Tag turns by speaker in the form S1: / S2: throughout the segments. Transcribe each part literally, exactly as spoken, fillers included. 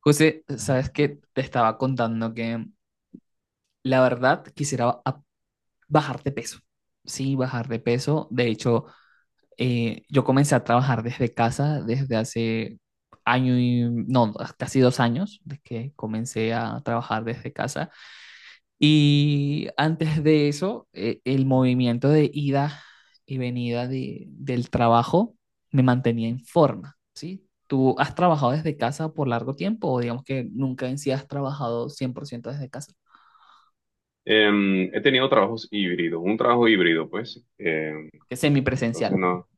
S1: José, sabes que te estaba contando que la verdad quisiera a- bajar de peso. Sí, bajar de peso. De hecho, eh, yo comencé a trabajar desde casa desde hace año y no, casi dos años, de que comencé a trabajar desde casa. Y antes de eso, eh, el movimiento de ida y venida de- del trabajo me mantenía en forma, ¿sí? ¿Tú has trabajado desde casa por largo tiempo o digamos que nunca en sí has trabajado cien por ciento desde casa?
S2: Em, he tenido trabajos híbridos, un trabajo híbrido, pues, em,
S1: Que es
S2: entonces
S1: semipresencial.
S2: no,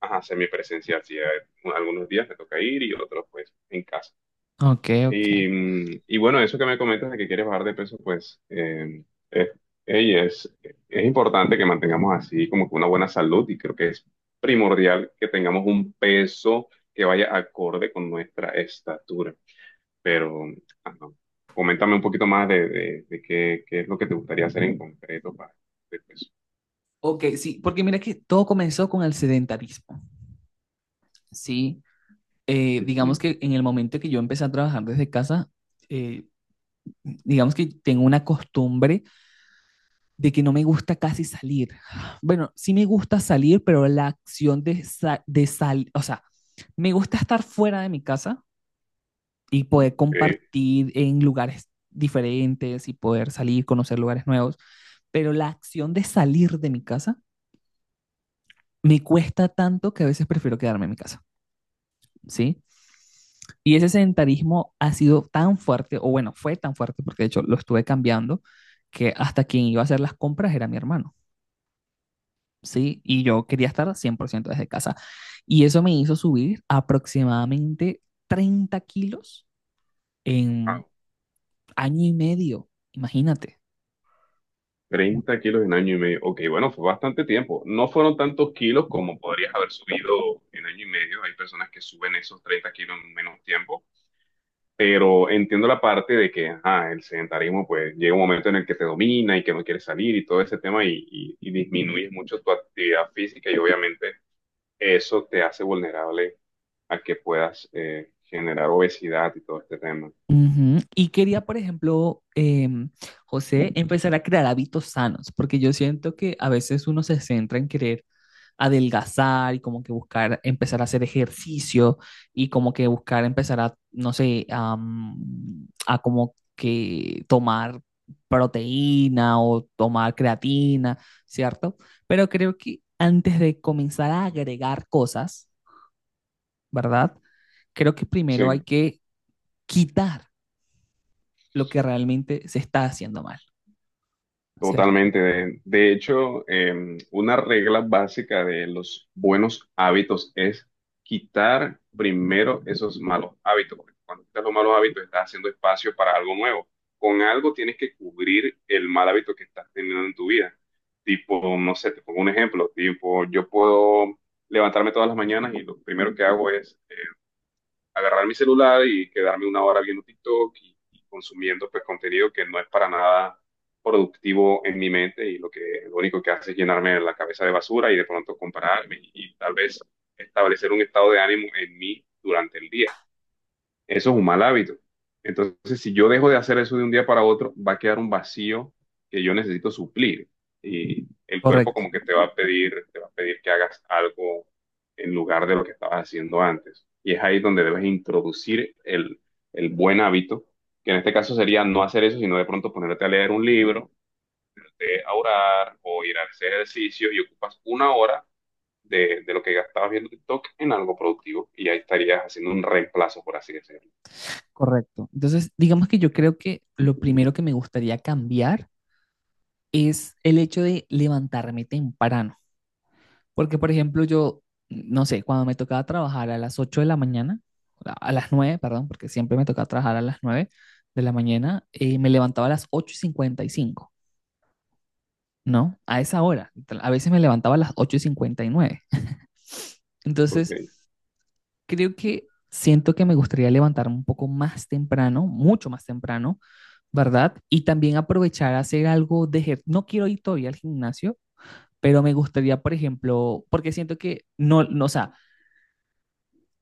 S2: ajá, semipresencial, sí, hay- algunos días me toca ir y otros, pues, en casa.
S1: Ok, ok.
S2: Y, mm, y bueno, eso que me comentas de que quieres bajar de peso, pues, em, es, ey, es, es importante que mantengamos así como que una buena salud y creo que es primordial que tengamos un peso que vaya acorde con nuestra estatura, pero ajá, coméntame un poquito más de, de- de qué, qué es lo que te gustaría hacer en concreto para de peso.
S1: Ok, sí, porque mira que todo comenzó con el sedentarismo, ¿sí? Eh, digamos
S2: Ujú.
S1: que en el momento que yo empecé a trabajar desde casa, eh, digamos que tengo una costumbre de que no me gusta casi salir. Bueno, sí me gusta salir, pero la acción de, sa- de salir, o sea, me gusta estar fuera de mi casa y poder
S2: Ok,
S1: compartir en lugares diferentes y poder salir, conocer lugares nuevos, pero la acción de salir de mi casa me cuesta tanto que a veces prefiero quedarme en mi casa, ¿sí? Y ese sedentarismo ha sido tan fuerte, o bueno, fue tan fuerte porque de hecho lo estuve cambiando, que hasta quien iba a hacer las compras era mi hermano. ¿Sí? Y yo quería estar cien por ciento desde casa. Y eso me hizo subir aproximadamente treinta kilos
S2: ah,
S1: en año y medio, imagínate.
S2: treinta kilos en año y medio. Ok, bueno, fue bastante tiempo. No fueron tantos kilos como podrías haber subido en año y medio. Hay personas que suben esos treinta kilos en menos tiempo. Pero entiendo la parte de que ajá, el sedentarismo pues llega un momento en el que te domina y que no quieres salir y todo ese tema y, y, y disminuyes mucho tu actividad física y obviamente eso te hace vulnerable a que puedas eh, generar obesidad y todo este tema.
S1: Ujú. Y quería, por ejemplo, em, José, empezar a crear hábitos sanos, porque yo siento que a veces uno se centra en querer adelgazar y como que buscar empezar a hacer ejercicio y como que buscar empezar a, no sé, am, a como que tomar proteína o tomar creatina, ¿cierto? Pero creo que antes de comenzar a agregar cosas, ¿verdad? Creo que primero hay
S2: Sí,
S1: que quitar lo que realmente se está haciendo mal, ¿cierto?
S2: totalmente. De, de hecho, eh, una regla básica de los buenos hábitos es quitar primero esos malos hábitos. Porque cuando quitas los malos hábitos, estás haciendo espacio para algo nuevo. Con algo tienes que cubrir el mal hábito que estás teniendo en tu vida. Tipo, no sé, te pongo un ejemplo. Tipo, yo puedo levantarme todas las mañanas y lo primero que hago es agarrar mi celular y quedarme una hora viendo TikTok y consumiendo pues contenido que no es para nada productivo en mi mente y lo que lo único que hace es llenarme la cabeza de basura y de pronto compararme y, y tal vez establecer un estado de ánimo en mí durante el día. Eso es un mal hábito. Entonces, si yo dejo de hacer eso de un día para otro, va a quedar un vacío que yo necesito suplir. Y el cuerpo
S1: Correcto,
S2: como que te va a pedir, te va a pedir que hagas algo en lugar de lo que estabas haciendo antes. Y es ahí donde debes introducir el, el buen hábito, que en este caso sería no hacer eso, sino de pronto ponerte a leer un libro, ponerte a orar o ir a hacer ejercicio y ocupas una hora de, de lo que gastabas viendo TikTok en algo productivo. Y ahí estarías haciendo un reemplazo, por así decirlo.
S1: correcto. Entonces, digamos que yo creo que lo primero que me gustaría cambiar es el hecho de levantarme temprano. Porque, por ejemplo, yo, no sé, cuando me tocaba trabajar a las ocho de la mañana, a las nueve perdón, porque siempre me tocaba trabajar a las nueve de la mañana, eh, me levantaba a las ocho y cincuenta y cinco, ¿no? A esa hora. A veces me levantaba a las ocho y cincuenta y nueve. Entonces,
S2: Ok.
S1: creo que siento que me gustaría levantarme un poco más temprano, mucho más temprano, ¿verdad? Y también aprovechar a hacer algo de ejer- No quiero ir todavía al gimnasio, pero me gustaría, por ejemplo, porque siento que no, no, o sea,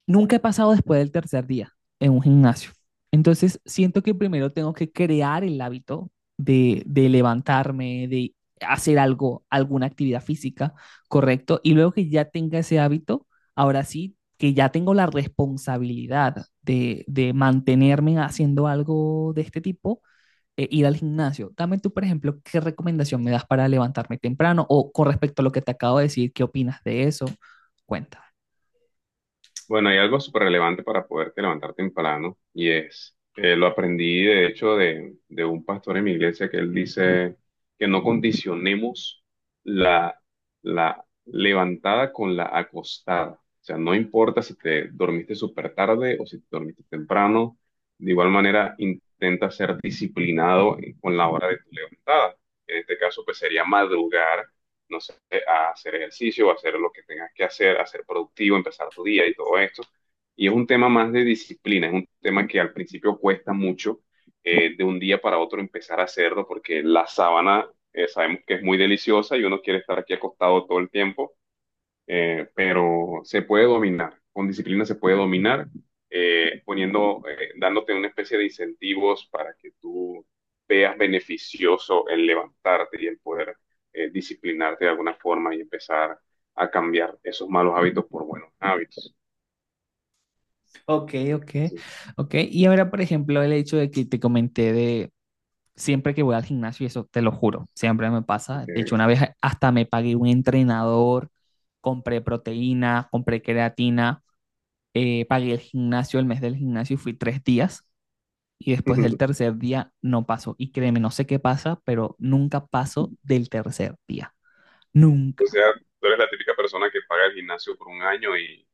S1: nunca he pasado después del tercer día en un gimnasio. Entonces, siento que primero tengo que crear el hábito de, de levantarme, de hacer algo, alguna actividad física, correcto, y luego que ya tenga ese hábito, ahora sí, que ya tengo la responsabilidad de, de mantenerme haciendo algo de este tipo, eh, ir al gimnasio. Dame tú, por ejemplo, qué recomendación me das para levantarme temprano o con respecto a lo que te acabo de decir, ¿qué opinas de eso? Cuenta.
S2: Bueno, hay algo súper relevante para poderte levantar temprano y es, eh, lo aprendí de hecho de, de un pastor en mi iglesia que él dice que no condicionemos la, la levantada con la acostada. O sea, no importa si te dormiste súper tarde o si te dormiste temprano, de igual manera intenta ser disciplinado en- con la hora de tu levantada. En este caso, pues sería madrugar, no sé, a hacer ejercicio, a hacer lo que tengas que hacer, a ser productivo, empezar tu día y todo esto. Y es un tema más de disciplina, es un tema que al principio cuesta mucho, eh, de un día para otro empezar a hacerlo, porque la sábana, eh, sabemos que es muy deliciosa y uno quiere estar aquí acostado todo el tiempo, eh, pero se puede dominar, con disciplina se puede dominar, eh, poniendo, eh, dándote una especie de incentivos para que tú veas beneficioso el levantarte y el poder, eh, disciplinarte de alguna forma y empezar a cambiar esos malos hábitos por buenos hábitos.
S1: Ok, ok,
S2: Entonces,
S1: ok. Y ahora, por ejemplo, el hecho de que te comenté de siempre que voy al gimnasio, y eso te lo juro, siempre me pasa. De hecho,
S2: eh,
S1: una vez hasta me pagué un entrenador, compré proteína, compré creatina, eh, pagué el gimnasio, el mes del gimnasio y fui tres días y después del tercer día no paso. Y créeme, no sé qué pasa, pero nunca paso del tercer día.
S2: O
S1: Nunca.
S2: sea, tú eres la típica persona que paga el gimnasio por un año y,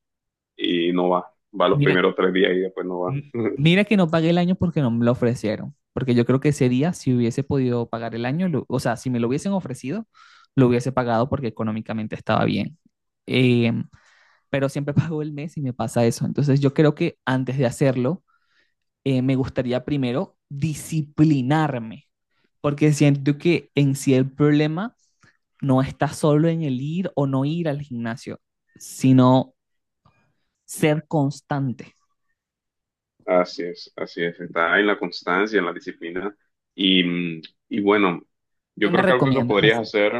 S2: y no va, va los
S1: Mira,
S2: primeros tres días y después no va.
S1: m- mira que no pagué el año porque no me lo ofrecieron. Porque yo creo que ese día, si hubiese podido pagar el año, lo- o sea, si me lo hubiesen ofrecido, lo hubiese pagado porque económicamente estaba bien. Em, pero siempre pago el mes y me pasa eso. Entonces yo creo que antes de hacerlo, eh, me gustaría primero disciplinarme, porque siento que en sí el problema no está solo en el ir o no ir al gimnasio, sino ser constante.
S2: Así es, así es, está en la constancia, en la disciplina. Y, mm, y bueno,
S1: ¿Qué
S2: yo
S1: me
S2: creo que algo que
S1: recomiendas
S2: podrías
S1: hacer?
S2: hacer,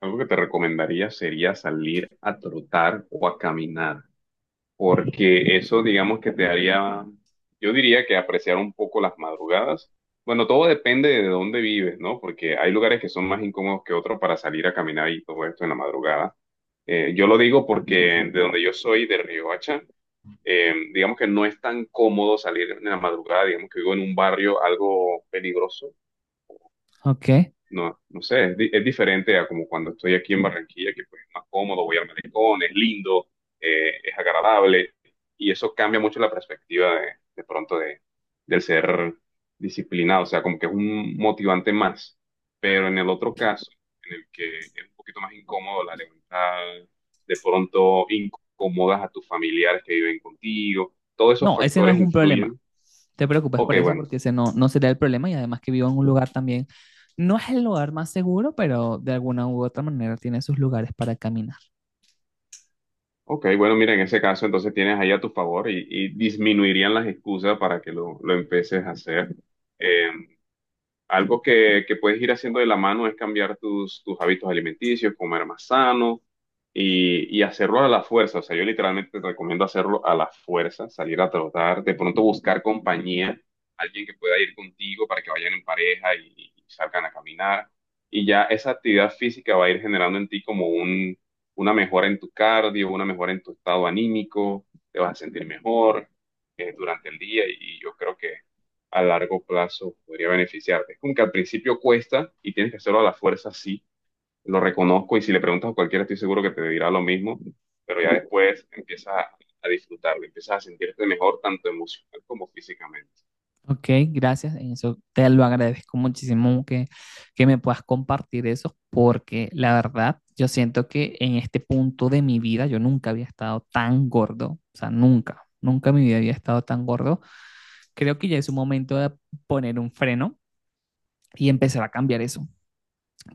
S2: algo que te recomendaría sería salir a trotar o a caminar, porque eso digamos que te haría, yo diría que apreciar un poco las madrugadas. Bueno, todo depende de dónde vives, ¿no? Porque hay lugares que son más incómodos que otros para salir a caminar y todo esto en la madrugada. Eh, yo lo digo porque de donde yo soy, de Riohacha, eh, digamos que no es tan cómodo salir en la madrugada, digamos que vivo en un barrio algo peligroso,
S1: Ok.
S2: no, no sé, es, di- es diferente a como cuando estoy aquí en Barranquilla, que pues es más cómodo, voy al malecón, es lindo, eh, es agradable, y eso cambia mucho la perspectiva de, de pronto de, del ser disciplinado, o sea, como que es un motivante más. Pero en el otro caso, en el que es un poquito más incómodo la levantada, de pronto incomodas a tus familiares que viven contigo, todos esos
S1: No, ese no es
S2: factores
S1: un problema.
S2: influyen.
S1: Te preocupes
S2: Ok,
S1: por eso
S2: bueno.
S1: porque ese no, no sería el problema y además que vivo en un lugar también, no es el lugar más seguro, pero de alguna u otra manera tiene sus lugares para caminar.
S2: Ok, bueno, mira, en ese caso entonces tienes ahí a tu favor y, y disminuirían las excusas para que lo, lo empieces a hacer. Eh, algo que, que puedes ir haciendo de la mano es cambiar tus, tus hábitos alimenticios, comer más sano y, y hacerlo a la fuerza. O sea, yo literalmente te recomiendo hacerlo a la fuerza, salir a trotar, de pronto buscar compañía, alguien que pueda ir contigo para que vayan en pareja y, y salgan a caminar. Y ya esa actividad física va a ir generando en ti como un, una mejora en tu cardio, una mejora en tu estado anímico, te vas a sentir mejor, eh, durante el día y yo creo que a largo plazo podría beneficiarte. Es como que al principio cuesta y tienes que hacerlo a la fuerza, sí, lo reconozco y si le preguntas a cualquiera estoy seguro que te dirá lo mismo, pero ya después empiezas a, a disfrutarlo, empiezas a sentirte mejor tanto emocional como físicamente.
S1: Ok, gracias. En eso te lo agradezco muchísimo que, que me puedas compartir eso, porque la verdad, yo siento que en este punto de mi vida yo nunca había estado tan gordo, o sea, nunca, nunca en mi vida había estado tan gordo. Creo que ya es un momento de poner un freno y empezar a cambiar eso,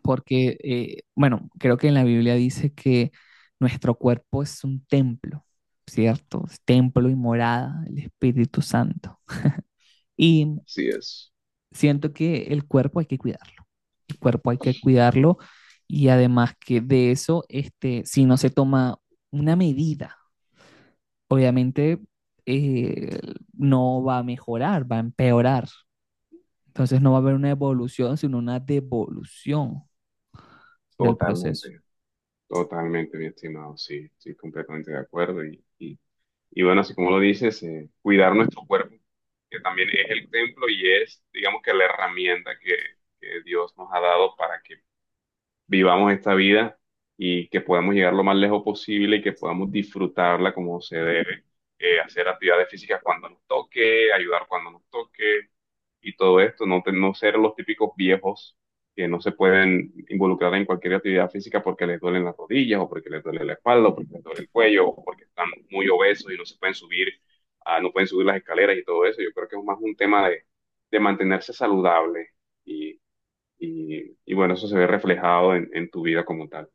S1: porque, eh, bueno, creo que en la Biblia dice que nuestro cuerpo es un templo, ¿cierto? Es templo y morada del Espíritu Santo. Y
S2: Así es,
S1: siento que el cuerpo hay que cuidarlo. El cuerpo hay que cuidarlo y además que de eso, este, si no se toma una medida, obviamente eh, no va a mejorar, va a empeorar. Entonces no va a haber una evolución, sino una devolución del proceso.
S2: totalmente, totalmente, mi estimado, sí, sí, completamente de acuerdo. Y, y, y bueno, así como lo dices, eh, cuidar nuestro cuerpo, que también es el templo y es, digamos que la herramienta que que Dios nos ha dado para que vivamos esta vida y que podamos llegar lo más lejos posible y que podamos disfrutarla como se debe. Eh, hacer actividades físicas cuando nos toque, ayudar cuando nos toque y todo esto, no, te- no ser los típicos viejos que no se pueden involucrar en cualquier actividad física porque les duelen las rodillas o porque les duele la espalda o porque les duele el cuello o porque están muy obesos y no se pueden subir, ah, no pueden subir las escaleras y todo eso. Yo creo que es más un tema de, de mantenerse saludable y, y bueno, eso se ve reflejado en en tu vida como tal.